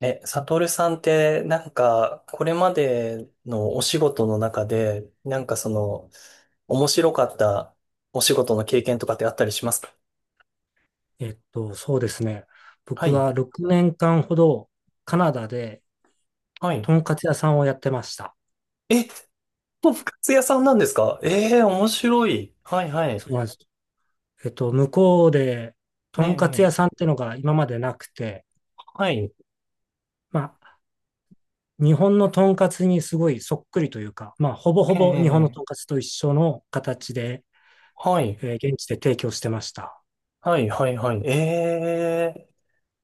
え、サトルさんって、なんか、これまでのお仕事の中で、なんかその、面白かったお仕事の経験とかってあったりしますか？そうですね。は僕い、は6年間ほどカナダではい。とんかつ屋さんをやってました。え、とんか屋さんなんですか？ええー、面白い。はい、はい。そうなんです。向こうでとねんかつ屋さんっえ、ええてのが今までなくて、はい、まあ、日本のとんかつにすごいそっくりというか、まあ、ほぼほええ、えぼえ日本のえとんかえつと一緒の形で、はい、現地で提供してました。はい、はい、はい。ええ、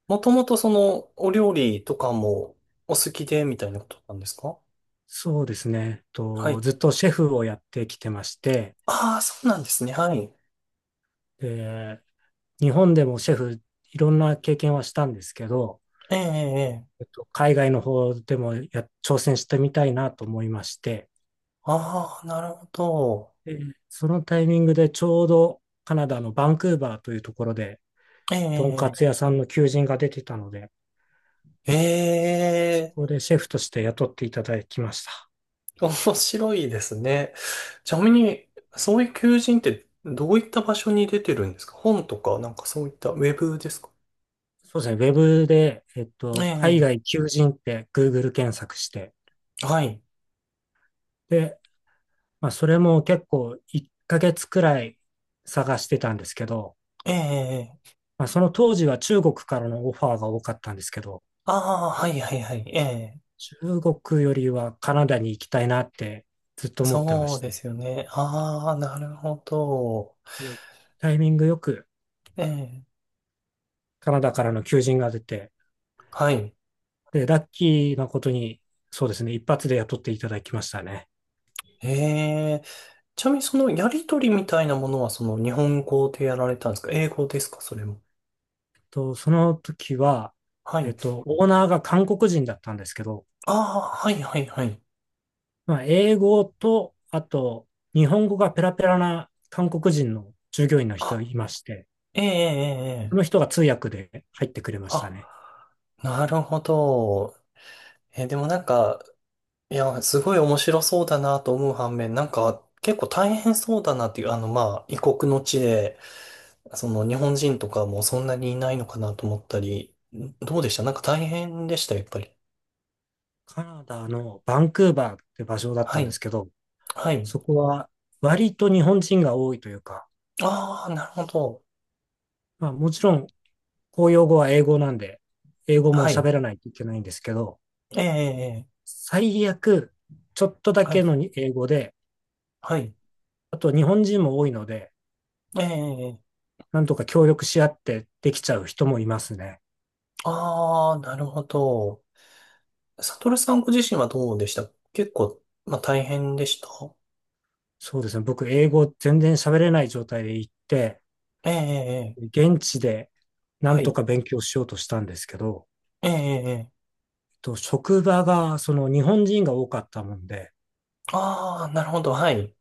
もともとその、お料理とかもお好きで、みたいなことなんですか？そうですね。はい。ずっとシェフをやってきてまして、ああ、そうなんですね。はい。で日本でもシェフいろんな経験はしたんですけど、ええ、ええ。ええ海外の方でも挑戦してみたいなと思いまして、ああ、なるほど。でそのタイミングでちょうどカナダのバンクーバーというところで、えとんかつ屋え、さんの求人が出てたので、えそこえ、でシェフとして雇っていただきました。面白いですね。ちなみに、そういう求人ってどういった場所に出てるんですか？本とか、なんかそういったウェブですか？そうですね、ウェブで、海え外求人って Google 検索して、え、はい。で、まあ、それも結構1ヶ月くらい探してたんですけど、ええ、まあ、その当時は中国からのオファーが多かったんですけど、ああ、はいはいはい。ええ、中国よりはカナダに行きたいなってずっと思ってまそうしでて、すよね。ああ、なるほど。でタイミングよくええ、カナダからの求人が出て、はい。で、ラッキーなことに、そうですね、一発で雇っていただきましたね。ええ、ちなみにそのやりとりみたいなものはその日本語でやられたんですか？英語ですか？それも。と、その時は、はい。オーナーが韓国人だったんですけど、ああ、はいはいはい。まあ、英語と、あと、日本語がペラペラな韓国人の従業員の人があ、いまして、ええええそえのえ人が通訳で入ってくれましたね。あ、なるほど。え、でもなんか、いや、すごい面白そうだなと思う反面、なんか、結構大変そうだなっていう、あの、まあ、異国の地で、その日本人とかもそんなにいないのかなと思ったり、どうでした？なんか大変でした、やっぱり。カナダのバンクーバーって場所だっはたんでい。すけど、はい。そこは割と日本人が多いというか、ああ、なるほど。まあもちろん公用語は英語なんで、英語もはい。喋らないといけないんですけど、ええええええ最悪ちょっとだはけい。の英語で、はい。あと日本人も多いので、ええええええなんとか協力し合ってできちゃう人もいますね。ああ、なるほど。サトルさんご自身はどうでした？結構、まあ、大変でしたそうですね。僕、英語全然喋れない状態で行って、ええ、ええ、ええ現地でなんはとい。か勉強しようとしたんですけど、ええ、ええ、ええ職場がその日本人が多かったもんで、ああ、なるほど、はい。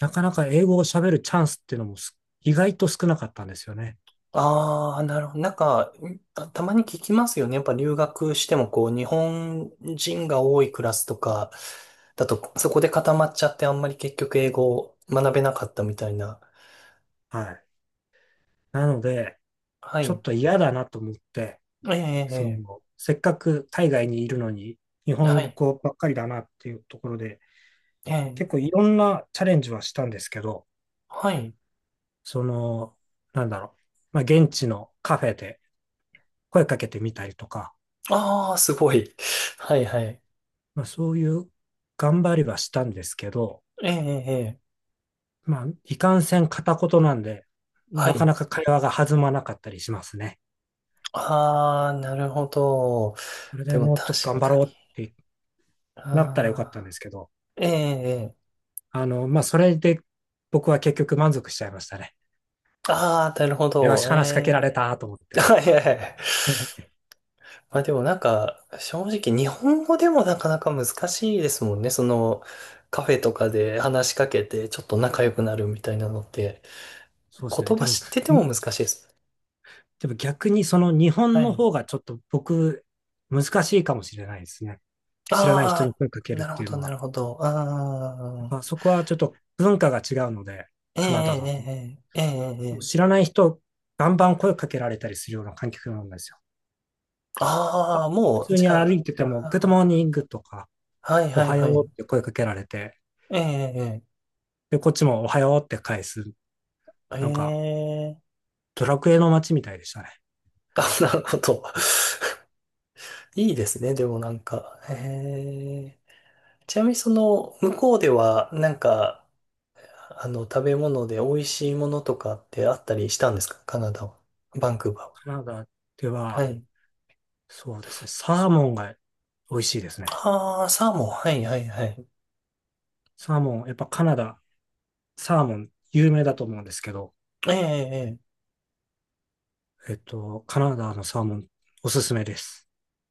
なかなか英語を喋るチャンスっていうのも意外と少なかったんですよね。ああ、なるほど。なんか、あたまに聞きますよね。やっぱ留学しても、こう、日本人が多いクラスとか、だと、そこで固まっちゃって、あんまり結局英語を学べなかったみたいな。はい。なので、はちょい。っと嫌だなと思って、ええ、そええ、の、せっかく海外にいるのに、日ええは本い。語ばっかりだなっていうところで、ええ、結構いろんなチャレンジはしたんですけど、はい。その、なんだろう、まあ、現地のカフェで声かけてみたりとか、ああ、すごい。はい、はい。まあ、そういう頑張りはしたんですけど、ええ、ええ、ええまあ、いかんせん片言なんで、はなかい。なか会話が弾まなかったりしますね。ああ、なるほど。それででもも確っと頑張かろうっに。てあなったらよかったんであ、すけど、ええ、ええ。あの、まあ、それで僕は結局満足しちゃいましたね。ああ、なるほよど。し、話しかけられえたと思っえ。て。あ、いやいやいや。まあでもなんか、正直日本語でもなかなか難しいですもんね。その、カフェとかで話しかけて、ちょっと仲良くなるみたいなのって、そうですね。言で葉も、知ってても難しいです。でも逆にその日は本のい。方がちょっと僕、難しいかもしれないですね。知らない人あに声かけあ、るなっるてほいうど、のなは。るほど。やあっあ、ぱそこはちょっと文化が違うので、ええ、カナダだと。ええ、ええ、ええ。もうえ知えらない人、バンバン声かけられたりするような環境なんですよ。ああ、普もう、通じにゃ歩あ、いてても、グッドモーニあングとか、あはいおはいはよはうい。って声かけられて、ええ、で、こっちもおはようって返す。えなんか、え、ええドラクエの街みたいでしたね。あ、なるほど。いいですね、でもなんか。ええ、ちなみにその、向こうでは、なんか、あの、食べ物で美味しいものとかってあったりしたんですか？カナダは。バンクーバカナダでーは。は、はい。そうですね、サーモンが美味しいですね。ああ、サーモン。はい、はい、はい。サーモン、やっぱカナダ、サーモン有名だと思うんですけど、ええ、カナダのサーモンおすすめです。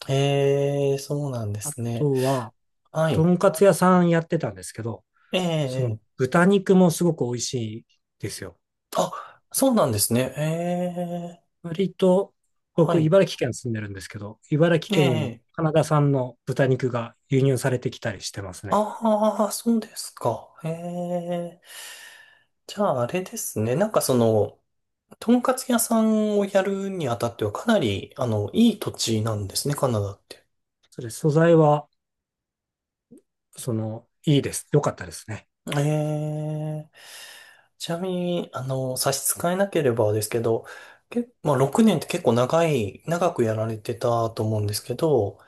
ええ、ええそうなんであすね。とは、はとい。んかつ屋さんやってたんですけど、えそのえ、ええ豚肉もすごく美味しいですよ。あ、そうなんですね。ええ、割と、は僕、い。茨城県住んでるんですけど、茨城え県にもえ、カナダ産の豚肉が輸入されてきたりしてますね。ああ、そうですか。ええ。じゃあ、あれですね。なんかその、とんかつ屋さんをやるにあたってはかなり、あの、いい土地なんですね、カナダって。そうです。素材は、その、いいです。良かったですね。ええ。ちなみに、あの、差し支えなければですけど、まあ、6年って結構長い、長くやられてたと思うんですけど、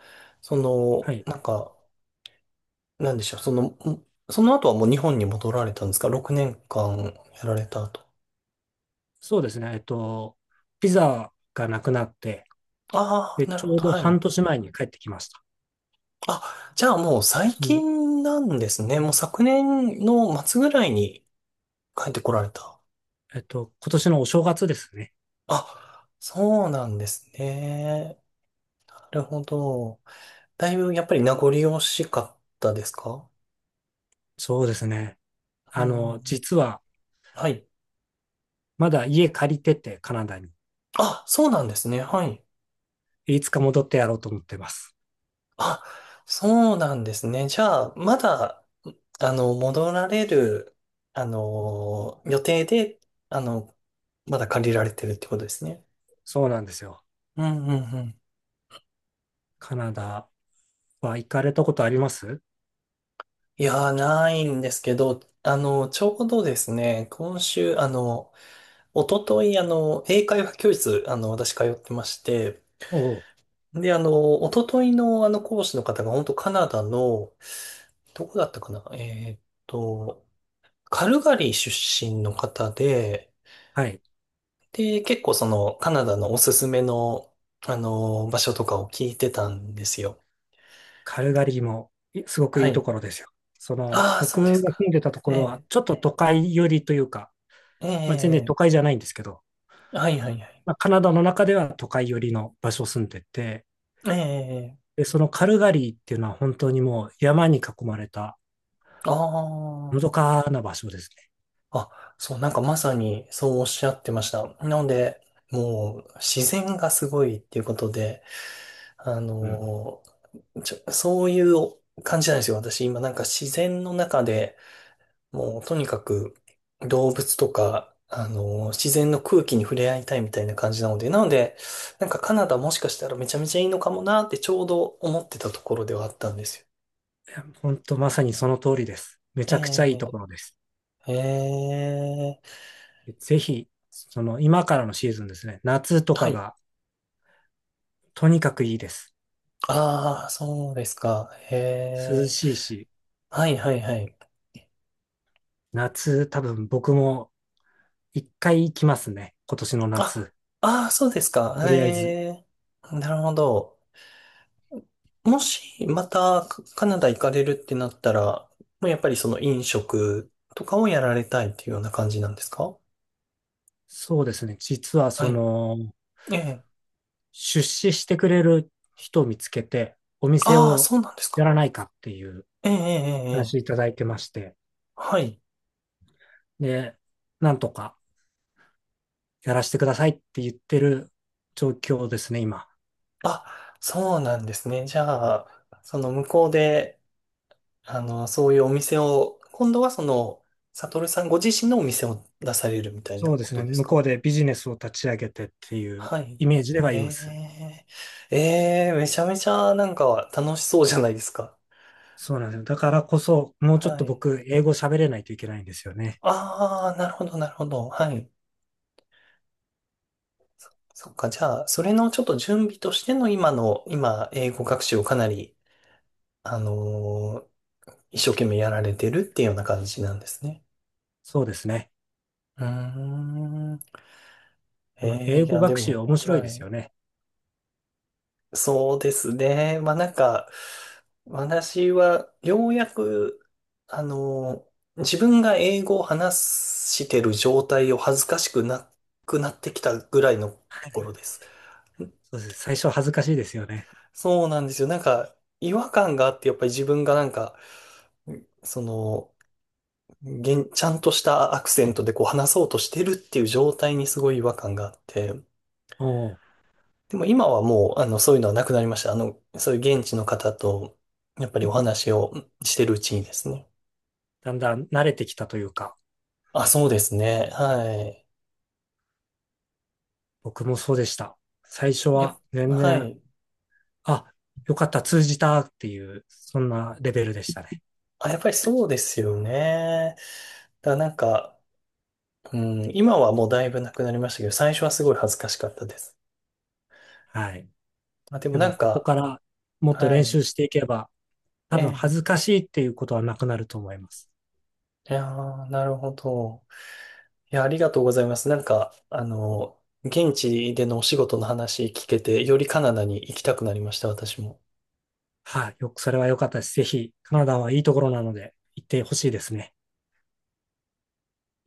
そはの、い。なんか、なんでしょう、その、その後はもう日本に戻られたんですか？ 6 年間やられた後。そうですね。えっと、ピザがなくなって、ああ、で、なるちほょうど、どはい。半年前に帰ってきました。あ、じゃあもう今最年の近なんですね。もう昨年の末ぐらいに帰ってこられた。えっと、今年のお正月ですね。あ、そうなんですね。なるほど。だいぶやっぱり名残惜しかったですか？そうですね。うあんうの、ん。実は、はい。まだ家借りてて、カナダに。あ、そうなんですね。はい。いつか戻ってやろうと思ってます。あ、そうなんですね。じゃあ、まだ、あの、戻られる、あの、予定で、あの、まだ借りられてるってことですね。そうなんですよ。うんうんうんカナダは行かれたことあります？いやー、ないんですけど、あの、ちょうどですね、今週、あの、一昨日あの、英会話教室、あの、私通ってまして、おう、で、あの、一昨日のあの、講師の方が、本当カナダの、どこだったかなと、カルガリー出身の方で、はい。で、結構その、カナダのおすすめの、あの、場所とかを聞いてたんですよ。カルガリーも、すごくはいいとい。ころですよ。その、ああ、そ僕うですが住か。んでたとえころは、え、ちょっと都会寄りというか、えまあ、全然都え、会じゃないんですけど、はいはいはい。まあ、カナダの中では都会寄りの場所を住んでて、ええで、そのカルガリーっていうのは本当にもう山に囲まれたあのどかな場所ですあ、あ、そう、なんかまさにそうおっしゃってました。なので、もう自然がすごいっていうことで、あね。うん。のちょ、そういう感じなんですよ。私今なんか自然の中でもうとにかく動物とか、自然の空気に触れ合いたいみたいな感じなので、なので、なんかカナダもしかしたらめちゃめちゃいいのかもなってちょうど思ってたところではあったんですよ。いや本当まさにその通りです。めちえゃくちゃいいところです。え、ええ、ぜひ、その今からのシーズンですね。夏とはかい。がとにかくいいです。ああ、そうですか。へ涼え。しいし、はいはいはい。夏多分僕も一回行きますね。今年のあ、夏。ああ、そうですか。とりあえず。ええ、なるほど。もし、また、カカナダ行かれるってなったら、もうやっぱりその飲食とかをやられたいっていうような感じなんですか？そうですね。実ははそい。の、ええ。出資してくれる人を見つけて、お店ああ、をそうなんですか。やらないかっていうええ、ええ、え話え。いただいてまして、はい。で、なんとかやらせてくださいって言ってる状況ですね、今。あ、そうなんですね。じゃあ、その向こうで、あの、そういうお店を、今度はその、サトルさんご自身のお店を出されるみたいそなうでこすね、とです向こうか？でビジネスを立ち上げてっていうはい。イメージではいます。えー、えー、めちゃめちゃなんか楽しそうじゃないですか。そうなんですよ。だからこそ、もうちょっはとい。僕、英語喋れないといけないんですよね。ああ、なるほど、なるほど。はい。そっか、じゃあ、それのちょっと準備としての今の、今、英語学習をかなり、あのー一生懸命やられてるっていうような感じなんですね。そうですね。うーん。でも、えー、英い語や、で学習も、面白いはですよい。ね。そうですね。まあなんか、私はようやく、あの、自分が英語を話してる状態を恥ずかしくなくなってきたぐらいのところです。そうです。最初恥ずかしいですよね。そうなんですよ。なんか、違和感があって、やっぱり自分がなんか、その、現ちゃんとしたアクセントでこう話そうとしてるっていう状態にすごい違和感があって、おお、でも今はもう、あの、そういうのはなくなりました。あの、そういう現地の方と、やっぱりお話をしてるうちにですね。だんだん慣れてきたというか。あ、そうですね。はい。僕もそうでした。最初や、は全は然、い。あ、よかった、通じたっていう、そんなレベルでしたね。あ、やっぱりそうですよね。だからなんか、うん、今はもうだいぶなくなりましたけど、最初はすごい恥ずかしかったです。はい。まあ、でもでなも、んここか、からもっとは練い。習していけば、え多分恥ずえ。かしいっていうことはなくなると思います。いやー、なるほど。いや、ありがとうございます。なんか、あの、現地でのお仕事の話聞けて、よりカナダに行きたくなりました、私も。はい。よく、それは良かったです。ぜひ、カナダはいいところなので、行ってほしいですね。